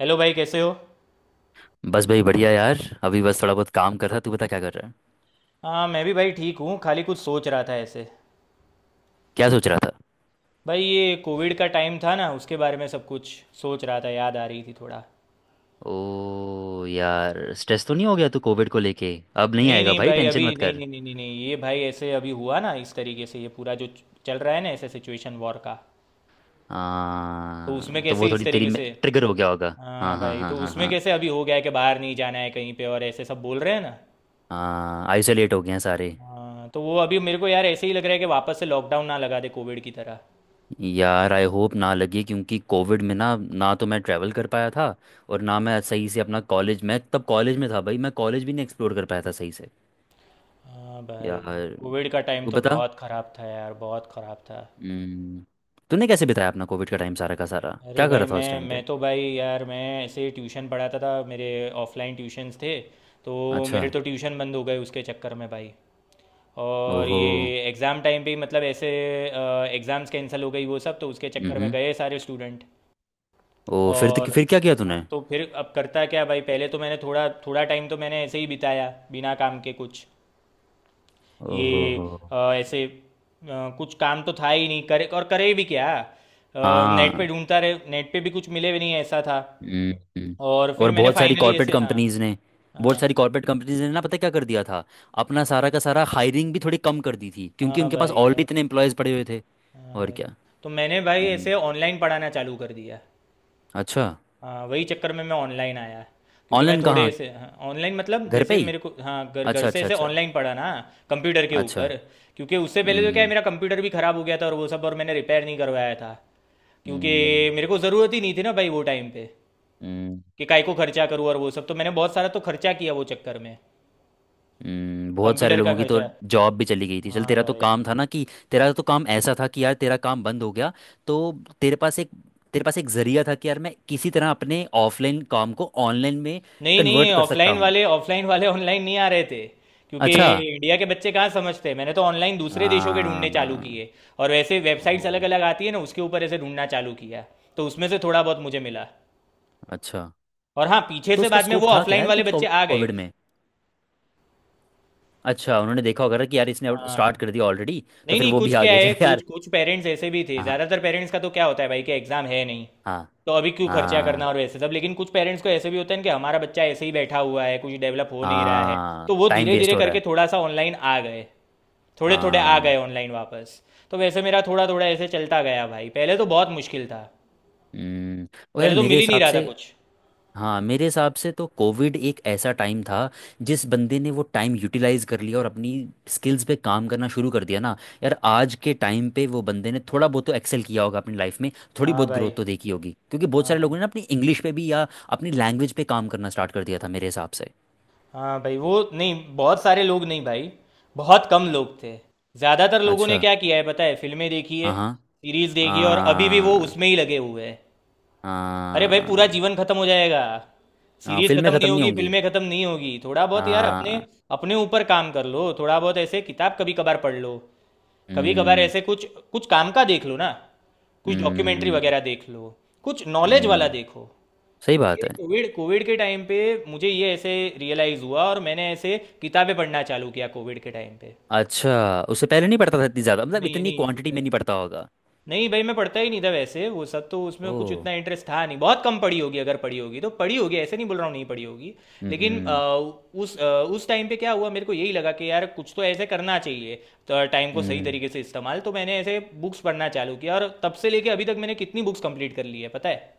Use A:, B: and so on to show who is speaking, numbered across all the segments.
A: Hello भाई, कैसे हो।
B: बस भाई बढ़िया यार। अभी बस थोड़ा बहुत काम कर रहा। तू बता क्या कर रहा है?
A: हाँ, मैं भी भाई ठीक हूँ, खाली कुछ सोच रहा था ऐसे।
B: क्या सोच रहा था?
A: भाई ये कोविड का टाइम था ना, उसके बारे में सब कुछ सोच रहा था, याद आ रही थी थोड़ा।
B: ओ यार, स्ट्रेस तो नहीं हो गया तू कोविड को लेके? अब नहीं
A: नहीं
B: आएगा
A: नहीं
B: भाई,
A: भाई, अभी
B: टेंशन मत
A: नहीं
B: कर।
A: नहीं नहीं नहीं नहीं, ये भाई ऐसे अभी हुआ ना, इस तरीके से, ये पूरा जो चल रहा है ना ऐसे, सिचुएशन वॉर का। तो उसमें
B: हाँ तो वो
A: कैसे इस
B: थोड़ी तेरी
A: तरीके
B: में
A: से।
B: ट्रिगर हो गया होगा। हाँ
A: हाँ
B: हाँ
A: भाई,
B: हाँ
A: तो
B: हाँ
A: उसमें
B: हाँ।
A: कैसे अभी हो गया है कि बाहर नहीं जाना है कहीं पे, और ऐसे सब बोल रहे हैं ना।
B: हाँ, आइसोलेट हो गए हैं सारे।
A: हाँ, तो वो अभी मेरे को यार ऐसे ही लग रहा है कि वापस से लॉकडाउन ना लगा दे, कोविड की तरह।
B: यार आई होप ना लगे, क्योंकि कोविड में ना ना तो मैं ट्रैवल कर पाया था और ना मैं सही से अपना कॉलेज मैं तब कॉलेज में था भाई, मैं कॉलेज भी नहीं एक्सप्लोर कर पाया था सही से
A: हाँ भाई,
B: यार।
A: कोविड का टाइम
B: तू
A: तो
B: बता।
A: बहुत ख़राब था यार, बहुत ख़राब था।
B: हम्म। तूने कैसे बिताया अपना कोविड का टाइम सारा का सारा?
A: अरे
B: क्या कर
A: भाई
B: रहा था उस
A: मैं
B: टाइम
A: मैं
B: पे?
A: तो भाई यार मैं ऐसे ट्यूशन पढ़ाता था मेरे, ऑफलाइन ट्यूशन्स थे तो
B: अच्छा।
A: मेरे तो ट्यूशन बंद हो गए उसके चक्कर में भाई। और
B: ओहो।
A: ये एग्ज़ाम टाइम पे ही मतलब ऐसे एग्ज़ाम्स कैंसिल हो गई वो सब, तो उसके चक्कर में
B: हम्म।
A: गए सारे स्टूडेंट।
B: ओ फिर
A: और
B: तो, फिर क्या किया
A: हाँ,
B: तूने?
A: तो फिर अब करता क्या भाई, पहले तो मैंने थोड़ा थोड़ा टाइम तो मैंने ऐसे ही बिताया बिना काम के कुछ
B: ओहो
A: ये,
B: हो।
A: ऐसे कुछ काम तो था ही नहीं, करे और करे भी क्या। नेट पे
B: हाँ।
A: ढूंढता रहे, नेट पे भी कुछ मिले भी नहीं, ऐसा था।
B: हम्म। हम्म।
A: और
B: और
A: फिर मैंने
B: बहुत सारी
A: फाइनली
B: कॉर्पोरेट
A: ऐसे हाँ,
B: कंपनीज ने बहुत
A: हाँ
B: सारी कॉर्पोरेट कंपनीज ने ना, पता है क्या कर दिया था? अपना सारा का सारा हायरिंग भी थोड़ी कम कर दी थी, क्योंकि
A: हाँ
B: उनके पास
A: भाई,
B: ऑलरेडी
A: और
B: इतने एम्प्लॉयज पड़े हुए थे।
A: हाँ
B: और
A: भाई
B: क्या?
A: तो मैंने भाई
B: हम्म।
A: ऐसे ऑनलाइन पढ़ाना चालू कर दिया।
B: अच्छा।
A: हाँ, वही चक्कर में मैं ऑनलाइन आया क्योंकि मैं
B: ऑनलाइन
A: थोड़े
B: कहाँ?
A: ऐसे। ऑनलाइन मतलब
B: घर पे
A: जैसे
B: ही।
A: मेरे को हाँ, घर घर
B: अच्छा
A: से
B: अच्छा
A: ऐसे
B: अच्छा।
A: ऑनलाइन पढ़ा ना, कंप्यूटर के
B: अच्छा।
A: ऊपर। क्योंकि उससे पहले तो क्या है,
B: हम्म।
A: मेरा कंप्यूटर भी ख़राब हो गया था और वो सब, और मैंने रिपेयर नहीं करवाया था क्योंकि
B: हम्म।
A: मेरे को ज़रूरत ही नहीं थी ना भाई वो टाइम पे,
B: हम्म।
A: कि काय को खर्चा करूँ और वो सब, तो मैंने बहुत सारा तो खर्चा किया वो चक्कर में,
B: हम्म। बहुत सारे
A: कंप्यूटर का
B: लोगों की तो
A: खर्चा।
B: जॉब भी चली गई थी। चल,
A: हाँ
B: तेरा तो
A: भाई,
B: काम था ना कि, तेरा तो काम ऐसा था कि यार तेरा काम बंद हो गया। तो तेरे पास एक तेरे पास एक जरिया था कि यार मैं किसी तरह अपने ऑफलाइन काम को ऑनलाइन में
A: नहीं
B: कन्वर्ट
A: नहीं,
B: कर सकता
A: ऑफलाइन
B: हूँ।
A: वाले ऑनलाइन नहीं आ रहे थे क्योंकि
B: अच्छा।
A: इंडिया के बच्चे कहाँ समझते हैं। मैंने तो ऑनलाइन दूसरे देशों के ढूंढने चालू
B: हाँ।
A: किए, और वैसे
B: ओ।
A: वेबसाइट्स अलग अलग आती है ना, उसके ऊपर ऐसे ढूंढना चालू किया। तो उसमें से थोड़ा बहुत मुझे मिला,
B: अच्छा।
A: और हाँ, पीछे
B: तो
A: से
B: उसका
A: बाद में वो
B: स्कोप था क्या
A: ऑफलाइन
B: यार
A: वाले
B: कुछ
A: बच्चे आ गए।
B: कोविड में? अच्छा, उन्होंने देखा होगा ना कि यार इसने
A: हाँ हाँ।
B: स्टार्ट कर दिया ऑलरेडी, तो
A: नहीं
B: फिर
A: नहीं,
B: वो भी
A: कुछ क्या
B: आगे
A: है,
B: चले
A: कुछ
B: यार।
A: कुछ पेरेंट्स ऐसे भी थे।
B: हाँ
A: ज़्यादातर पेरेंट्स का तो क्या होता है भाई कि एग्ज़ाम है नहीं
B: हाँ।
A: तो अभी क्यों खर्चा करना
B: हाँ।
A: और वैसे सब, लेकिन कुछ पेरेंट्स को ऐसे भी होते हैं कि हमारा बच्चा ऐसे ही बैठा हुआ है, कुछ डेवलप हो नहीं रहा है।
B: हाँ,
A: तो वो
B: टाइम
A: धीरे
B: वेस्ट
A: धीरे
B: हो रहा
A: करके
B: है।
A: थोड़ा सा ऑनलाइन आ गए, थोड़े थोड़े आ
B: हाँ।
A: गए ऑनलाइन वापस। तो वैसे मेरा थोड़ा थोड़ा ऐसे चलता गया भाई, पहले तो बहुत मुश्किल था,
B: हम्म। और यार
A: पहले तो
B: मेरे
A: मिल ही नहीं
B: हिसाब
A: रहा
B: से
A: था कुछ।
B: हाँ, मेरे हिसाब से तो कोविड एक ऐसा टाइम था, जिस बंदे ने वो टाइम यूटिलाइज कर लिया और अपनी स्किल्स पे काम करना शुरू कर दिया ना, यार आज के टाइम पे वो बंदे ने थोड़ा बहुत तो एक्सेल किया होगा अपनी लाइफ में। थोड़ी
A: हाँ
B: बहुत ग्रोथ
A: भाई,
B: तो देखी होगी, क्योंकि बहुत
A: हाँ
B: सारे लोगों
A: भाई,
B: ने ना अपनी इंग्लिश पे भी या अपनी लैंग्वेज पे काम करना स्टार्ट कर दिया था मेरे हिसाब से।
A: हाँ भाई वो नहीं, बहुत सारे लोग नहीं भाई, बहुत कम लोग थे। ज़्यादातर लोगों ने
B: अच्छा।
A: क्या किया है पता है, फिल्में देखी है,
B: हाँ हाँ
A: सीरीज देखी है, और अभी भी वो
B: हाँ
A: उसमें ही लगे हुए हैं। अरे भाई, पूरा
B: हाँ।
A: जीवन खत्म हो जाएगा,
B: हाँ,
A: सीरीज
B: फिल्में
A: खत्म नहीं
B: ख़त्म नहीं
A: होगी,
B: होंगी।
A: फिल्में खत्म नहीं होगी। थोड़ा बहुत यार अपने
B: हाँ।
A: अपने ऊपर काम कर लो, थोड़ा बहुत ऐसे किताब कभी कभार पढ़ लो, कभी कभार
B: हम्म।
A: ऐसे कुछ कुछ काम का देख लो ना, कुछ डॉक्यूमेंट्री
B: हम्म।
A: वगैरह देख लो, कुछ नॉलेज वाला
B: हम्म।
A: देखो।
B: सही बात
A: ये
B: है।
A: कोविड कोविड के टाइम पे मुझे ये ऐसे रियलाइज हुआ, और मैंने ऐसे किताबें पढ़ना चालू किया कोविड के टाइम पे।
B: अच्छा, उससे पहले नहीं पढ़ता था इतनी ज़्यादा? मतलब
A: नहीं
B: इतनी
A: नहीं,
B: क्वांटिटी
A: उतना
B: में नहीं पढ़ता होगा।
A: नहीं भाई, मैं पढ़ता ही नहीं था वैसे वो सब, तो उसमें
B: ओ।
A: कुछ इतना इंटरेस्ट था नहीं, बहुत कम पढ़ी होगी, अगर पढ़ी होगी तो पढ़ी होगी ऐसे, नहीं बोल रहा हूँ नहीं पढ़ी होगी। लेकिन
B: हम्म।
A: उस अ, उस टाइम पे क्या हुआ, मेरे को यही लगा कि यार कुछ तो ऐसे करना चाहिए। तो टाइम को सही
B: हम्म।
A: तरीके से इस्तेमाल, तो मैंने ऐसे बुक्स पढ़ना चालू किया, और तब से लेके अभी तक मैंने कितनी बुक्स कंप्लीट कर ली है पता है।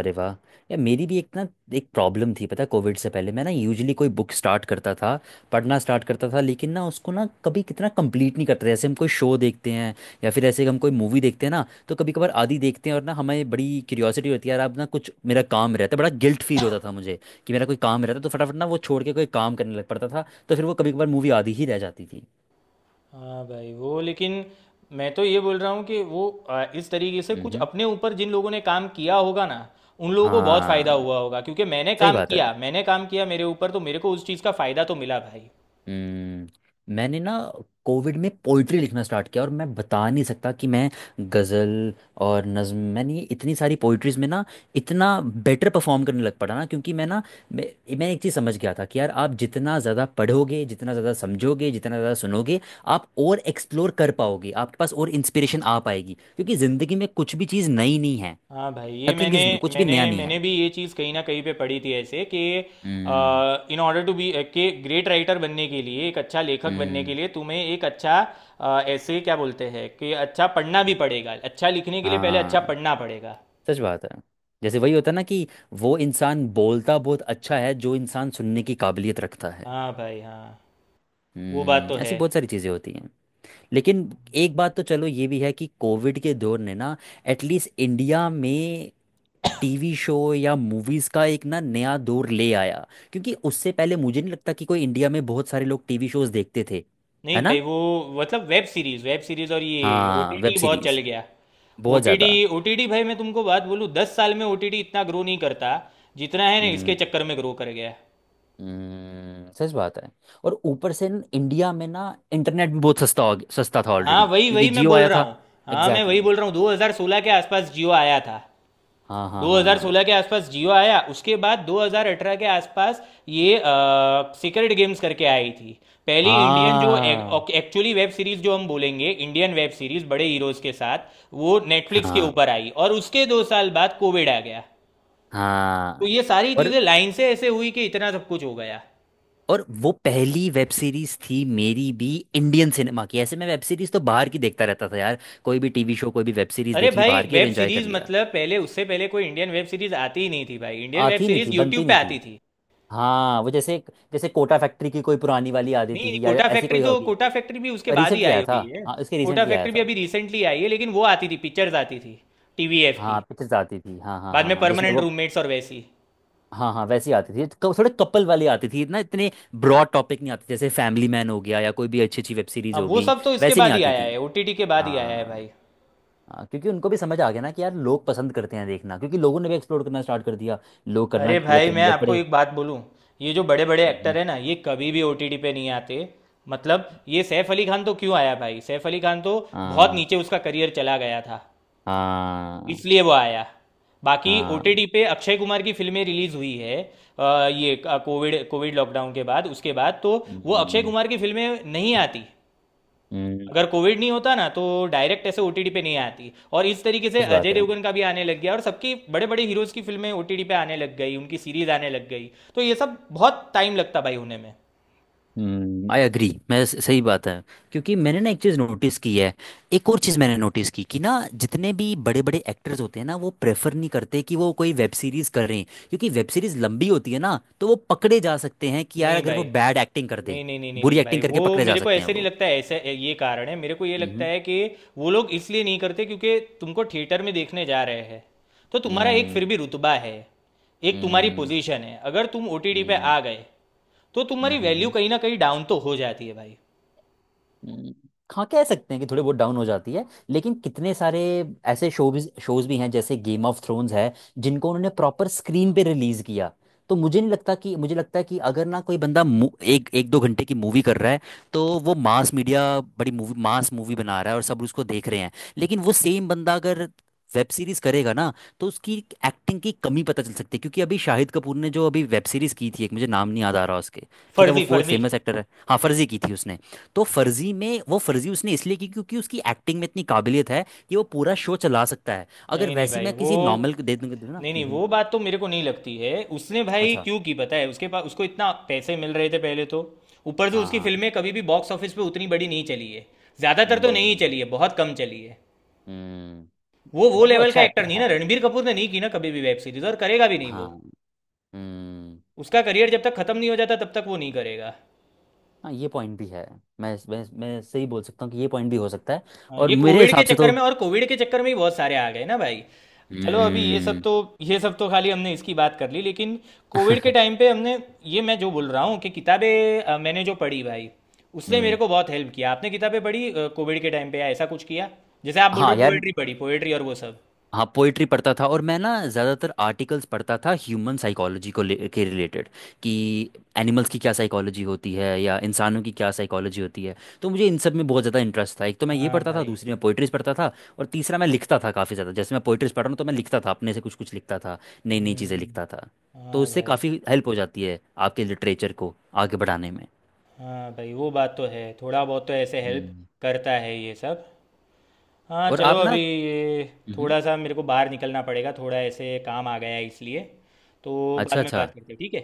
B: अरे वाह! यार मेरी भी एक ना, एक प्रॉब्लम थी पता है। कोविड से पहले मैं ना यूजली कोई बुक स्टार्ट करता था, पढ़ना स्टार्ट करता था, लेकिन ना उसको ना कभी कितना कंप्लीट नहीं करते जैसे हम कोई शो देखते हैं, या फिर ऐसे हम कोई मूवी देखते हैं ना, तो कभी कभार आधी देखते हैं, और ना हमें बड़ी क्यूरियोसिटी होती है यार। अब ना कुछ मेरा काम रहता है, बड़ा गिल्ट फील होता था मुझे कि मेरा कोई काम रहता तो फटाफट ना वो छोड़ के कोई काम करने लग पड़ता था, तो फिर वो कभी कभार मूवी आधी ही रह जाती थी।
A: हाँ भाई वो, लेकिन मैं तो ये बोल रहा हूँ कि वो इस तरीके से
B: हम्म।
A: कुछ
B: हम्म।
A: अपने ऊपर जिन लोगों ने काम किया होगा ना, उन लोगों को बहुत फायदा
B: हाँ,
A: हुआ होगा। क्योंकि मैंने
B: सही
A: काम
B: बात है।
A: किया, मैंने काम किया मेरे ऊपर, तो मेरे को उस चीज़ का फायदा तो मिला भाई।
B: हम्म, मैंने ना कोविड में पोइट्री लिखना स्टार्ट किया, और मैं बता नहीं सकता कि मैं गज़ल और नज़्म, मैंने ये इतनी सारी पोइट्रीज में ना इतना बेटर परफॉर्म करने लग पड़ा ना, क्योंकि मैं ना मैं एक चीज़ समझ गया था कि यार आप जितना ज़्यादा पढ़ोगे, जितना ज़्यादा समझोगे, जितना ज़्यादा सुनोगे, आप और एक्सप्लोर कर पाओगे, आपके पास और इंस्पिरेशन आ पाएगी, क्योंकि ज़िंदगी में कुछ भी चीज़ नई नहीं है।
A: हाँ भाई, ये
B: नथिंग
A: मैंने
B: इज़ न्यू, कुछ भी
A: मैंने
B: नया नहीं है।
A: मैंने भी ये चीज़ कहीं ना कहीं पे पढ़ी थी ऐसे कि
B: हम्म।
A: इन ऑर्डर टू बी के ग्रेट राइटर, बनने के लिए एक अच्छा लेखक बनने के
B: हम्म।
A: लिए तुम्हें एक अच्छा ऐसे क्या बोलते हैं, कि अच्छा पढ़ना भी पड़ेगा, अच्छा लिखने के लिए पहले अच्छा
B: हाँ,
A: पढ़ना पड़ेगा।
B: सच बात है। जैसे वही होता है ना कि वो इंसान बोलता बहुत अच्छा है जो इंसान सुनने की काबिलियत रखता है।
A: हाँ भाई, हाँ वो बात तो
B: हम्म, ऐसी
A: है।
B: बहुत सारी चीज़ें होती हैं। लेकिन एक बात तो चलो ये भी है कि कोविड के दौर ने ना, एटलीस्ट इंडिया में, टीवी शो या मूवीज़ का एक ना नया दौर ले आया, क्योंकि उससे पहले मुझे नहीं लगता कि कोई, इंडिया में बहुत सारे लोग टीवी शोज़ देखते थे।
A: नहीं
B: है ना?
A: भाई वो, मतलब वेब सीरीज और ये
B: हाँ, वेब
A: ओटीटी बहुत चल
B: सीरीज़।
A: गया।
B: बहुत
A: ओटीटी,
B: ज़्यादा।
A: ओटीटी भाई मैं तुमको बात बोलूँ, 10 साल में ओटीटी इतना ग्रो नहीं करता जितना है ना इसके
B: हम्म।
A: चक्कर में ग्रो कर गया।
B: सच बात है। और ऊपर से न, इंडिया में ना इंटरनेट भी बहुत सस्ता था
A: हाँ
B: ऑलरेडी,
A: वही
B: क्योंकि
A: वही मैं
B: जियो
A: बोल
B: आया
A: रहा
B: था।
A: हूँ, हाँ मैं
B: एग्जैक्टली
A: वही बोल
B: exactly।
A: रहा हूँ, 2016 के आसपास जियो आया था।
B: हाँ हाँ हाँ हाँ।
A: 2016 के आसपास जियो आया, उसके बाद 2018 के आसपास ये सीक्रेट गेम्स करके आई थी, पहली इंडियन जो एक्चुअली वेब सीरीज जो हम बोलेंगे इंडियन वेब सीरीज बड़े हीरोज के साथ, वो
B: हाँ
A: नेटफ्लिक्स के
B: हाँ
A: ऊपर आई, और उसके 2 साल बाद कोविड आ गया। तो
B: हाँ।
A: ये सारी
B: और
A: चीजें लाइन से ऐसे हुई कि इतना सब कुछ हो गया।
B: और वो पहली वेब सीरीज थी मेरी भी, इंडियन सिनेमा की। ऐसे मैं वेब सीरीज तो बाहर की देखता रहता था यार, कोई भी टीवी शो कोई भी वेब सीरीज
A: अरे
B: देख ली
A: भाई,
B: बाहर की और
A: वेब
B: एंजॉय कर
A: सीरीज
B: लिया।
A: मतलब पहले, उससे पहले कोई इंडियन वेब सीरीज आती ही नहीं थी भाई, इंडियन वेब
B: आती नहीं
A: सीरीज
B: थी,
A: यूट्यूब
B: बनती
A: पे
B: नहीं
A: आती
B: थी।
A: थी।
B: हाँ, वो जैसे, कोटा फैक्ट्री की कोई पुरानी वाली आ जाती
A: नहीं,
B: थी, या
A: कोटा
B: ऐसी
A: फैक्ट्री
B: कोई
A: तो,
B: होगी।
A: कोटा फैक्ट्री भी उसके बाद ही
B: रिसेंटली
A: आई
B: आया था।
A: हुई है।
B: हाँ, इसके
A: कोटा
B: रिसेंटली आया
A: फैक्ट्री भी
B: था।
A: अभी रिसेंटली आई है, लेकिन वो आती थी पिक्चर्स आती थी टीवीएफ की,
B: हाँ, पिक्चर्स आती थी। हाँ हाँ
A: बाद
B: हाँ
A: में
B: हाँ। जिसमें
A: परमानेंट
B: वो,
A: रूममेट्स और वैसी।
B: हाँ हाँ वैसी आती थी। थोड़े कपल वाली आती थी, इतना इतने ब्रॉड टॉपिक नहीं आते जैसे फैमिली मैन हो गया या कोई भी अच्छी अच्छी वेब सीरीज
A: हाँ
B: हो
A: वो
B: गई,
A: सब तो इसके
B: वैसी नहीं
A: बाद ही
B: आती
A: आया
B: थी।
A: है, ओटीटी के बाद ही आया है
B: हाँ।
A: भाई।
B: हाँ, क्योंकि उनको भी समझ आ गया ना कि यार लोग पसंद करते हैं देखना, क्योंकि लोगों ने भी एक्सप्लोर करना स्टार्ट कर दिया। लोग करना
A: अरे
B: लग
A: भाई, मैं
B: करने लग
A: आपको
B: पड़े।
A: एक बात बोलूँ, ये जो बड़े बड़े एक्टर
B: हम्म।
A: हैं ना, ये कभी भी ओटीटी पे नहीं आते। मतलब ये सैफ अली खान तो क्यों आया भाई, सैफ अली खान तो बहुत
B: हाँ
A: नीचे उसका करियर चला गया था,
B: हाँ
A: इसलिए वो आया। बाकी
B: हाँ।
A: ओटीटी पे अक्षय कुमार की फिल्में रिलीज हुई है ये कोविड कोविड लॉकडाउन के बाद, उसके बाद तो वो अक्षय
B: हम्म,
A: कुमार की फिल्में नहीं आती।
B: हम्म,
A: अगर कोविड नहीं होता ना तो डायरेक्ट ऐसे ओटीटी पे नहीं आती, और इस तरीके से
B: सच
A: अजय
B: बात है।
A: देवगन का भी आने लग गया, और सबकी बड़े बड़े हीरोज की फिल्में ओटीटी पे आने लग गई, उनकी सीरीज आने लग गई। तो ये सब बहुत टाइम लगता भाई होने में।
B: हम्म, आई अग्री, मैं सही बात है, क्योंकि मैंने ना एक चीज़ नोटिस की है। एक और चीज़ मैंने नोटिस की कि ना जितने भी बड़े बड़े एक्टर्स होते हैं ना, वो प्रेफर नहीं करते कि वो कोई वेब सीरीज़ करें, क्योंकि वेब सीरीज़ लंबी होती है ना, तो वो पकड़े जा सकते हैं कि यार
A: नहीं
B: अगर
A: भाई,
B: वो बैड एक्टिंग कर दे,
A: नहीं नहीं नहीं नहीं नहीं
B: बुरी
A: भाई,
B: एक्टिंग करके
A: वो
B: पकड़े जा
A: मेरे को
B: सकते हैं
A: ऐसे नहीं
B: वो।
A: लगता है ऐसा। ये कारण है मेरे को ये लगता
B: हम्म।
A: है कि वो लोग इसलिए नहीं करते क्योंकि तुमको थिएटर में देखने जा रहे हैं, तो तुम्हारा एक फिर
B: हम्म।
A: भी रुतबा है, एक तुम्हारी
B: हम्म।
A: पोजीशन है। अगर तुम ओटीटी पे आ गए तो तुम्हारी वैल्यू
B: हम्म।
A: कहीं ना कहीं डाउन तो हो जाती है भाई।
B: हम्म, हाँ कह सकते हैं कि थोड़ी बहुत डाउन हो जाती है, लेकिन कितने सारे ऐसे शोज शोज भी हैं, जैसे गेम ऑफ थ्रोन्स है, जिनको उन्होंने प्रॉपर स्क्रीन पे रिलीज किया, तो मुझे नहीं लगता कि, मुझे लगता है कि अगर ना कोई बंदा एक एक दो घंटे की मूवी कर रहा है, तो वो मास मीडिया, बड़ी मूवी, मास मूवी बना रहा है और सब उसको देख रहे हैं। लेकिन वो सेम बंदा अगर वेब सीरीज करेगा ना, तो उसकी एक्टिंग की कमी पता चल सकती है। क्योंकि अभी शाहिद कपूर ने जो अभी वेब सीरीज की थी एक, मुझे नाम नहीं याद आ रहा उसके। ठीक है, वो
A: फर्जी,
B: बहुत
A: फर्जी।
B: फेमस एक्टर है। हाँ, फर्जी की थी उसने। तो फर्जी में वो, फर्जी उसने इसलिए की क्योंकि उसकी एक्टिंग में इतनी काबिलियत है कि वो पूरा शो चला सकता है। अगर
A: नहीं नहीं
B: वैसी
A: भाई
B: मैं
A: वो,
B: किसी नॉर्मल को दे दूंगा दूंगा ना।
A: नहीं नहीं,
B: हम्म।
A: वो बात तो मेरे को नहीं लगती है। उसने भाई
B: अच्छा।
A: क्यों की पता है, उसके पास उसको इतना पैसे मिल रहे थे पहले तो, ऊपर से
B: हाँ
A: उसकी
B: हाँ।
A: फिल्में कभी भी बॉक्स ऑफिस पे उतनी बड़ी नहीं चली है, ज़्यादातर तो नहीं
B: हम्म।
A: चली है, बहुत कम चली है।
B: हम्म।
A: वो
B: बट वो
A: लेवल का
B: अच्छा
A: एक्टर
B: एक्टर
A: नहीं ना,
B: है।
A: रणबीर कपूर ने नहीं की ना कभी भी वेब सीरीज, और करेगा भी नहीं
B: हाँ।
A: वो,
B: हम्म।
A: उसका करियर जब तक खत्म नहीं हो जाता तब तक वो नहीं करेगा।
B: हाँ, ये पॉइंट भी है। मैं सही बोल सकता हूँ कि ये पॉइंट भी हो सकता है।
A: हाँ,
B: और
A: ये
B: मेरे
A: कोविड के
B: हिसाब से
A: चक्कर
B: तो
A: में, और कोविड के चक्कर में ही बहुत सारे आ गए ना भाई। चलो अभी ये सब
B: हम्म।
A: तो, ये सब तो खाली हमने इसकी बात कर ली, लेकिन कोविड के टाइम पे हमने, ये मैं जो बोल रहा हूँ कि किताबें मैंने जो पढ़ी भाई, उसने मेरे
B: हम्म।
A: को बहुत हेल्प किया। आपने किताबें पढ़ी कोविड के टाइम पे, या ऐसा कुछ किया जैसे आप बोल रहे
B: हाँ
A: हो
B: यार।
A: पोएट्री, पढ़ी पोएट्री और वो सब।
B: हाँ, पोइट्री पढ़ता था और मैं ना ज़्यादातर आर्टिकल्स पढ़ता था ह्यूमन साइकोलॉजी को ले के रिलेटेड, कि एनिमल्स की क्या साइकोलॉजी होती है या इंसानों की क्या साइकोलॉजी होती है। तो मुझे इन सब में बहुत ज़्यादा इंटरेस्ट था। एक तो मैं ये
A: हाँ
B: पढ़ता था,
A: भाई,
B: दूसरी मैं पोइट्रीज पढ़ता था, और तीसरा मैं लिखता था काफ़ी ज़्यादा। जैसे मैं पोइट्रीज पढ़ रहा हूँ तो मैं लिखता था, अपने से कुछ कुछ लिखता था, नई नई चीज़ें
A: हम्म,
B: लिखता था। तो
A: हाँ
B: उससे
A: भाई,
B: काफ़ी हेल्प हो जाती है आपके लिटरेचर को आगे बढ़ाने में।
A: हाँ भाई वो बात तो है, थोड़ा बहुत तो ऐसे हेल्प
B: हम्म।
A: करता है ये सब। हाँ
B: और
A: चलो,
B: आप ना।
A: अभी ये
B: हम्म।
A: थोड़ा सा मेरे को बाहर निकलना पड़ेगा, थोड़ा ऐसे काम आ गया है इसलिए, तो बाद
B: अच्छा
A: में
B: अच्छा।
A: बात करते हैं ठीक है।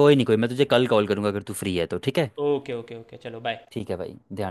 B: कोई नहीं, कोई मैं तुझे कल कॉल करूँगा अगर तू फ्री है तो। ठीक है।
A: ओके ओके ओके, चलो बाय।
B: ठीक है भाई, ध्यान